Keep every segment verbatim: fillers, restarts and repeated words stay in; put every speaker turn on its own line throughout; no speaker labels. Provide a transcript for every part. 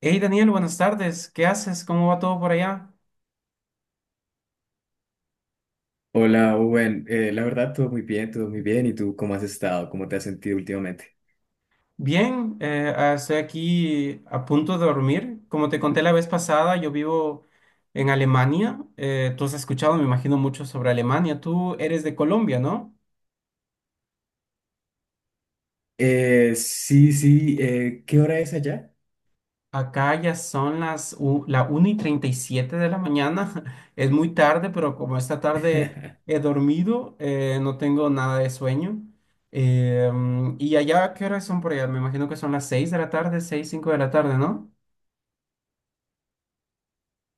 Hey Daniel, buenas tardes. ¿Qué haces? ¿Cómo va todo por allá?
Hola, Owen. Eh, la verdad, todo muy bien, todo muy bien. ¿Y tú cómo has estado? ¿Cómo te has sentido últimamente?
Bien, eh, ah, estoy aquí a punto de dormir. Como te conté la vez pasada, yo vivo en Alemania. Eh, tú has escuchado, me imagino, mucho sobre Alemania. Tú eres de Colombia, ¿no?
Eh, sí, sí. Eh, ¿qué hora es allá?
Acá ya son las u- la una y treinta y siete de la mañana. Es muy tarde, pero como esta tarde he dormido, eh, no tengo nada de sueño. Eh, mm, ¿y allá qué horas son por allá? Me imagino que son las seis de la tarde, seis cinco de la tarde, ¿no?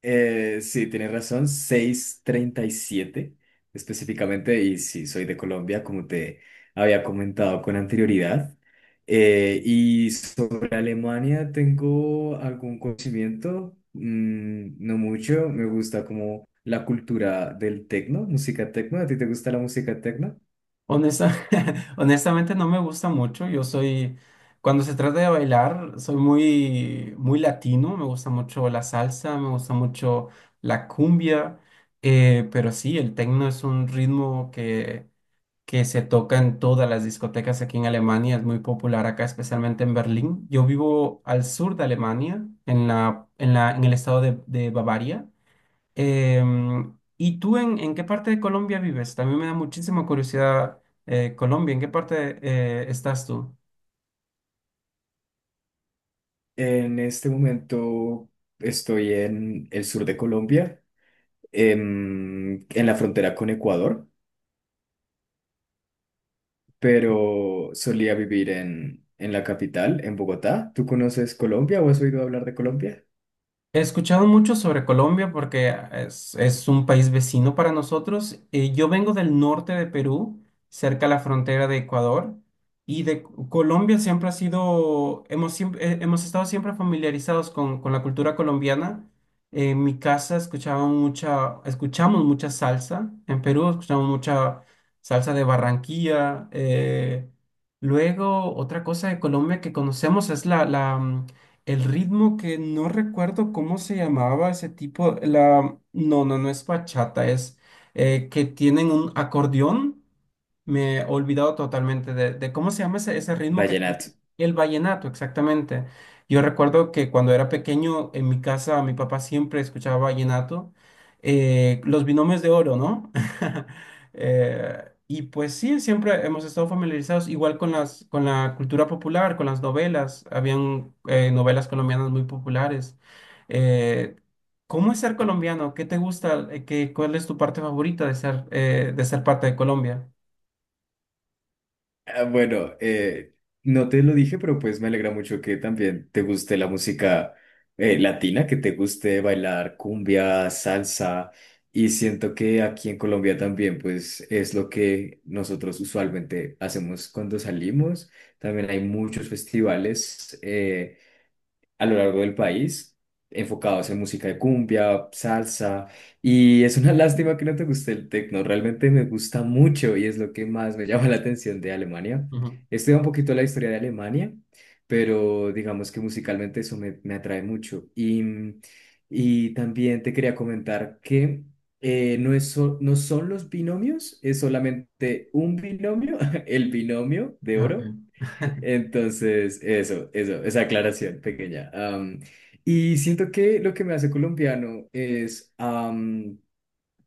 Eh, sí, tienes razón, seis treinta y siete, específicamente. Y sí, soy de Colombia, como te había comentado con anterioridad. Eh, y sobre Alemania, tengo algún conocimiento, Mm, no mucho. Me gusta como la cultura del tecno, música tecno. ¿A ti te gusta la música tecno?
Honesta- honestamente no me gusta mucho. Yo soy, cuando se trata de bailar, soy muy, muy latino. Me gusta mucho la salsa, me gusta mucho la cumbia. Eh, pero sí, el tecno es un ritmo que que se toca en todas las discotecas aquí en Alemania. Es muy popular acá, especialmente en Berlín. Yo vivo al sur de Alemania, en la, en la, en el estado de, de Bavaria. Em, ¿y tú en, en qué parte de Colombia vives? También me da muchísima curiosidad, eh, Colombia, ¿en qué parte eh, estás tú?
En este momento estoy en el sur de Colombia, em, en, la frontera con Ecuador, pero solía vivir en, en la capital, en Bogotá. ¿Tú conoces Colombia o has oído hablar de Colombia?
He escuchado mucho sobre Colombia porque es, es un país vecino para nosotros. Eh, yo vengo del norte de Perú, cerca a la frontera de Ecuador, y de C- Colombia siempre ha sido, hemos, siemp- eh, hemos estado siempre familiarizados con, con la cultura colombiana. En mi casa escuchaba mucha, escuchamos mucha salsa. En Perú escuchamos mucha salsa de Barranquilla. eh, Luego, otra cosa de Colombia que conocemos es la, la, mm, el ritmo que no recuerdo cómo se llamaba ese tipo, la, no, no, no es bachata, es eh, que tienen un acordeón. Me he olvidado totalmente de, de cómo se llama ese, ese ritmo que
Vallenato.
el vallenato, exactamente. Yo recuerdo que cuando era pequeño en mi casa mi papá siempre escuchaba vallenato, eh, los binomios de oro, ¿no? Eh, y pues sí, siempre hemos estado familiarizados igual con las, con la cultura popular, con las novelas. Habían eh, novelas colombianas muy populares. Eh, ¿Cómo es ser colombiano? ¿Qué te gusta? Eh, ¿Qué, cuál es tu parte favorita de ser, eh, de ser parte de Colombia?
Ah, bueno, eh, no te lo dije, pero pues me alegra mucho que también te guste la música eh, latina, que te guste bailar cumbia, salsa, y siento que aquí en Colombia también pues es lo que nosotros usualmente hacemos cuando salimos. También hay muchos festivales. Eh, a lo largo del país, enfocados en música de cumbia, salsa, y es una lástima que no te guste el techno, realmente me gusta mucho y es lo que más me llama la atención de Alemania.
Ujú.
Estudié un poquito la historia de Alemania, pero digamos que musicalmente eso me, me atrae mucho. Y, mm, y también te quería comentar que... eh, No es so- no son los binomios, es solamente un binomio, el binomio de
Ya, ok.
oro, entonces, eso, eso, esa aclaración pequeña. Am, y siento que lo que me hace colombiano es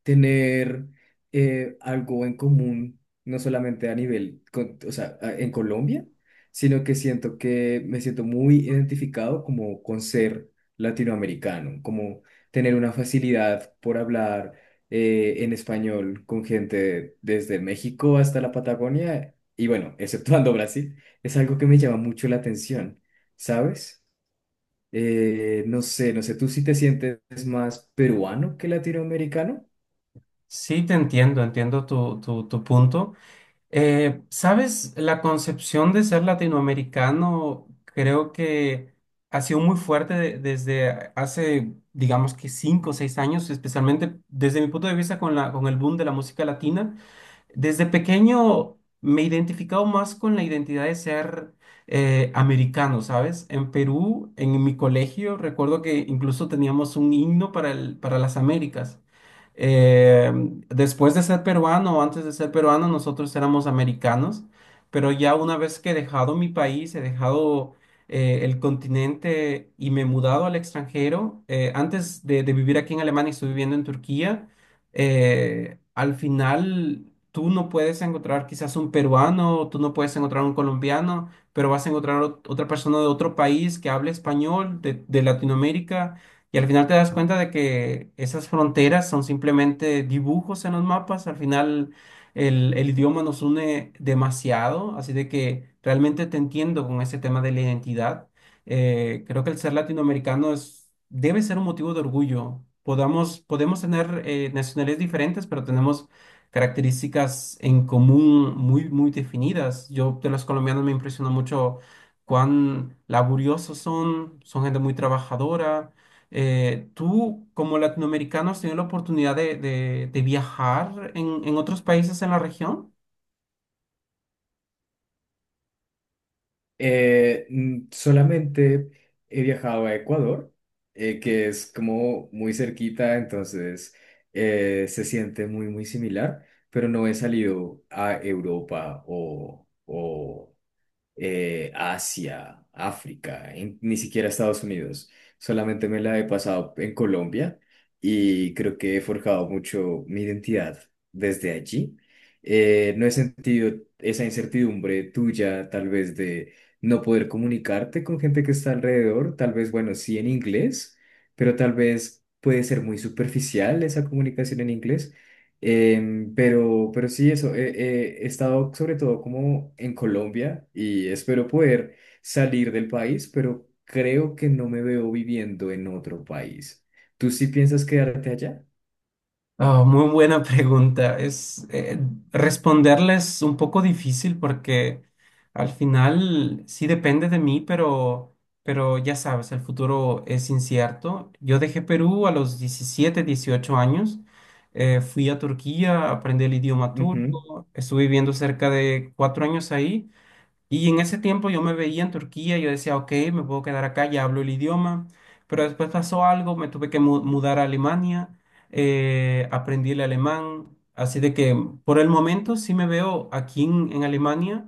tener eh, algo en común, no solamente a nivel, con- o sea, a- en Colombia, sino que siento que me siento muy identificado como con ser latinoamericano, como tener una facilidad por hablar eh, en español con gente desde México hasta la Patagonia, y bueno, exceptuando Brasil, es algo que me llama mucho la atención, ¿sabes? Eh, no sé, no sé, ¿tú sí te sientes más peruano que latinoamericano?
Sí, te entiendo, entiendo tu, tu, tu punto. Eh, ¿sabes? La concepción de ser latinoamericano creo que ha sido muy fuerte de- desde hace, digamos que cinco o seis años, especialmente desde mi punto de vista con la, con el boom de la música latina. Desde pequeño me he identificado más con la identidad de ser eh, americano, ¿sabes? En Perú, en mi colegio, recuerdo que incluso teníamos un himno para el- para las Américas. Eh, Después de ser peruano o antes de ser peruano, nosotros éramos americanos, pero ya una vez que he dejado mi país, he dejado eh, el continente y me he mudado al extranjero. Eh, antes de, de vivir aquí en Alemania, estuve viviendo en Turquía. Eh, al final tú no puedes encontrar quizás un peruano, tú no puedes encontrar un colombiano, pero vas a encontrar ot- otra persona de otro país que hable español, de, de Latinoamérica, y al final te das cuenta de que esas fronteras son simplemente dibujos en los mapas. Al final el, el idioma nos une demasiado, así de que realmente te entiendo con ese tema de la identidad. Eh, creo que el ser latinoamericano es, debe ser un motivo de orgullo. Podamos, podemos tener eh, nacionalidades diferentes, pero tenemos características en común muy, muy definidas. Yo de los colombianos me impresiona mucho cuán laboriosos son, son gente muy trabajadora. Eh, tú, como latinoamericano, ¿has tenido la oportunidad de, de- de viajar en, en otros países en la región?
Eh, mm, solamente he viajado a Ecuador, eh, que es como muy cerquita, entonces eh, se siente muy, muy similar, pero no he salido a Europa o, o eh, Asia, África, en- ni siquiera Estados Unidos. Solamente me la he pasado en Colombia y creo que he forjado mucho mi identidad desde allí. Eh, no he sentido esa incertidumbre tuya, tal vez de no poder comunicarte con gente que está alrededor, tal vez, bueno, sí en inglés, pero tal vez puede ser muy superficial esa comunicación en inglés. Em, pero, pero sí, eso, eh, eh, he estado sobre todo como en Colombia y espero poder salir del país, pero creo que no me veo viviendo en otro país. ¿Tú sí piensas quedarte allá?
Oh, muy buena pregunta. Es eh, responderla un poco difícil porque al final sí depende de mí, pero, pero ya sabes, el futuro es incierto. Yo dejé Perú a los diecisiete, dieciocho años. Eh, fui a Turquía, aprendí el idioma
Ujú,
turco, estuve viviendo cerca de cuatro años ahí, y en ese tiempo yo me veía en Turquía, yo decía, ok, me puedo quedar acá, ya hablo el idioma, pero después pasó algo, me tuve que mu- mudar a Alemania. Eh, aprendí el alemán, así de que por el momento sí me veo aquí en, en Alemania.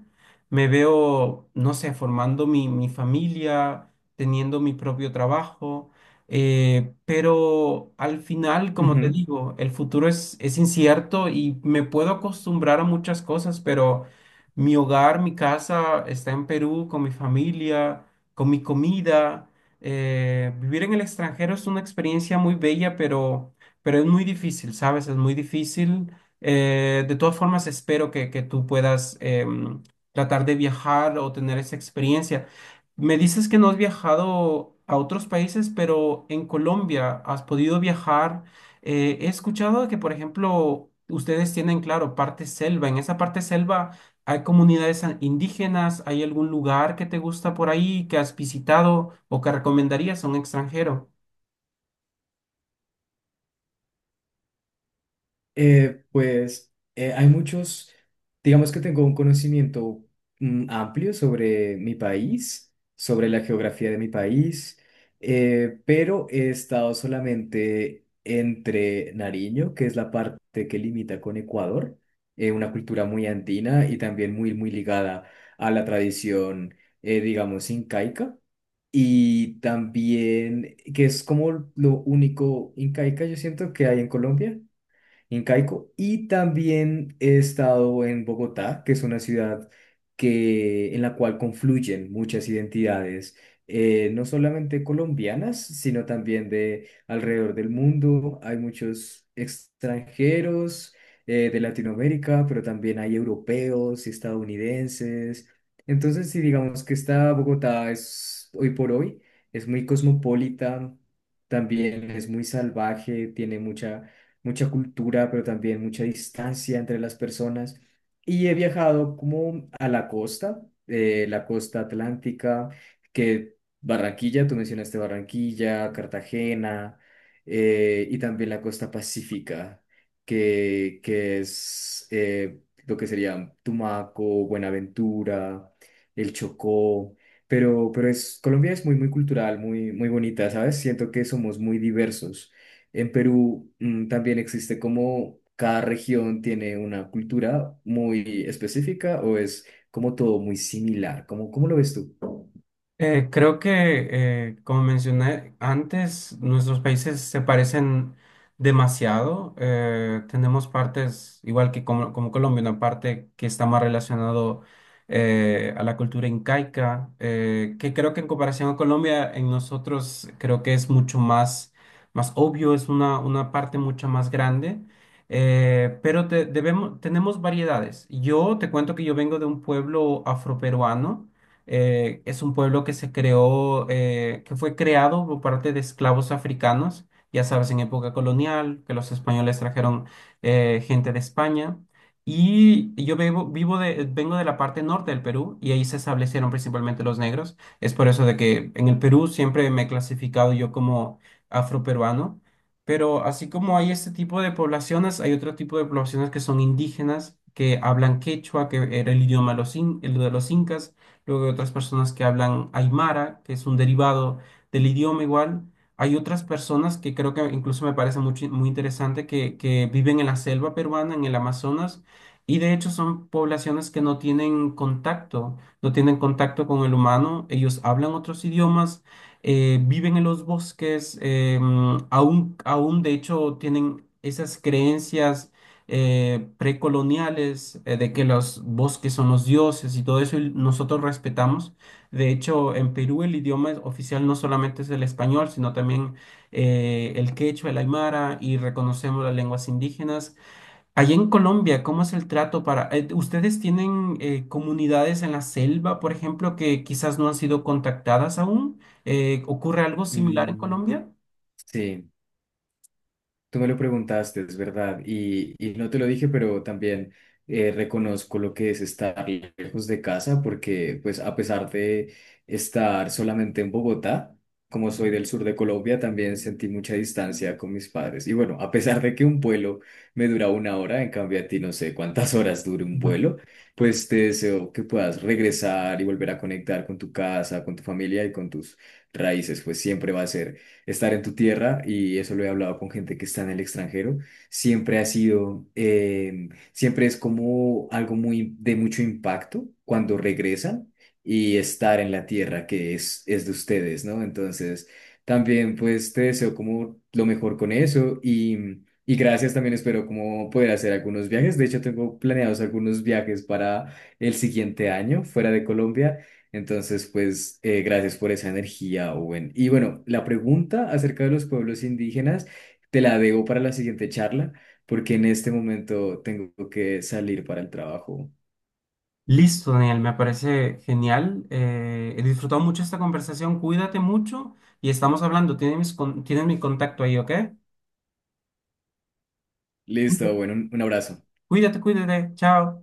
Me veo, no sé, formando mi, mi familia, teniendo mi propio trabajo. Eh, pero al final, como te
ujú.
digo, el futuro es, es incierto y me puedo acostumbrar a muchas cosas, pero... Mi hogar, mi casa está en Perú con mi familia, con mi comida. Eh, vivir en el extranjero es una experiencia muy bella, pero, pero es muy difícil, ¿sabes? Es muy difícil. Eh, de todas formas, espero que, que tú puedas em, tratar de viajar o tener esa experiencia. Me dices que no has viajado a otros países, pero en Colombia has podido viajar. Eh, he escuchado que, por ejemplo, ustedes tienen, claro, parte selva. En esa parte selva, ¿hay comunidades an- indígenas? ¿Hay algún lugar que te gusta por ahí que has visitado o que recomendarías a un extranjero?
Eh, pues eh, hay muchos, digamos que tengo un conocimiento mm, amplio sobre mi país, sobre la geografía de mi país, eh, pero he estado solamente entre Nariño, que es la parte que limita con Ecuador, eh, una cultura muy andina y también muy, muy ligada a la tradición, eh, digamos, incaica. Y también, que es como lo único incaica yo siento que hay en Colombia incaico. Y también he estado en Bogotá, que es una ciudad que, en la cual confluyen muchas identidades, eh, no solamente colombianas, sino también de alrededor del mundo. Hay muchos extranjeros eh, de Latinoamérica, pero también hay europeos y estadounidenses. Entonces, si digamos que esta Bogotá es hoy por hoy, es muy cosmopolita, también es muy salvaje, tiene mucha mucha cultura, pero también mucha distancia entre las personas. Y he viajado como a la costa, eh, la costa atlántica, que Barranquilla, tú mencionaste Barranquilla, Cartagena, eh, y también la costa pacífica, que, que es eh, lo que sería Tumaco, Buenaventura, el Chocó. Pero, pero es, Colombia es muy, muy cultural, muy, muy bonita, ¿sabes? Siento que somos muy diversos. En Perú mm, también existe como cada región tiene una cultura muy específica o es como todo muy similar. ¿Cómo, cómo lo ves tú?
Eh, creo que, eh, como mencioné antes, nuestros países se parecen demasiado. Eh, tenemos partes, igual que como, como Colombia, una parte que está más relacionado eh, a la cultura incaica, eh, que creo que en comparación a Colombia, en nosotros creo que es mucho más, más obvio, es una, una parte mucho más grande. Eh, pero te- debemos, tenemos variedades. Yo te cuento que yo vengo de un pueblo afroperuano. Eh, es un pueblo que se creó, eh, que fue creado por parte de esclavos africanos, ya sabes, en época colonial, que los españoles trajeron eh, gente de España. Y yo vivo, vivo de, vengo de la parte norte del Perú y ahí se establecieron principalmente los negros. Es por eso de que en el Perú siempre me he clasificado yo como afroperuano. Pero así como hay este tipo de poblaciones, hay otro tipo de poblaciones que son indígenas, que hablan quechua, que era el idioma de los, in- el de los incas. Luego hay otras personas que hablan aymara, que es un derivado del idioma igual. Hay otras personas que creo que incluso me parece mucho- muy interesante que, que viven en la selva peruana, en el Amazonas, y de hecho son poblaciones que no tienen contacto, no tienen contacto con el humano. Ellos hablan otros idiomas. Eh, viven en los bosques, eh, mm, aún, aún de hecho tienen esas creencias eh, precoloniales, eh, de que los bosques son los dioses y todo eso, y nosotros respetamos. De hecho, en Perú el idioma es- oficial no solamente es el español, sino también eh, el quechua, el aymara, y reconocemos las lenguas indígenas. Allá en Colombia, ¿cómo es el trato para... eh, ¿ustedes tienen eh, comunidades en la selva, por ejemplo, que quizás no han sido contactadas aún? Eh, ¿ocurre algo similar en
Mm,
Colombia?
Sí. Tú me lo preguntaste, es verdad, y, y no te lo dije, pero también eh, reconozco lo que es estar lejos de casa, porque pues a pesar de estar solamente en Bogotá, como soy del sur de Colombia, también sentí mucha distancia con mis padres. Y bueno, a pesar de que un vuelo me dura una hora, en cambio a ti no sé cuántas horas dure un vuelo, pues te deseo que puedas regresar y volver a conectar con tu casa, con tu familia y con tus raíces, pues siempre va a ser estar en tu tierra, y eso lo he hablado con gente que está en el extranjero, siempre ha sido, eh, siempre es como algo muy de mucho impacto cuando regresan y estar en la tierra que es, es de ustedes, ¿no? Entonces, también pues te deseo como lo mejor con eso y... Y gracias también, espero como poder hacer algunos viajes. De hecho, tengo planeados algunos viajes para el siguiente año fuera de Colombia. Entonces, pues, eh, gracias por esa energía, Owen. Y bueno, la pregunta acerca de los pueblos indígenas te la debo para la siguiente charla, porque en este momento tengo que salir para el trabajo.
Listo, Daniel, me parece genial. Eh, he disfrutado mucho esta conversación. Cuídate mucho y estamos hablando. Tienes mis con- tienes mi contacto ahí, ¿ok?
Listo, bueno, un un abrazo.
Cuídate, cuídate. Chao.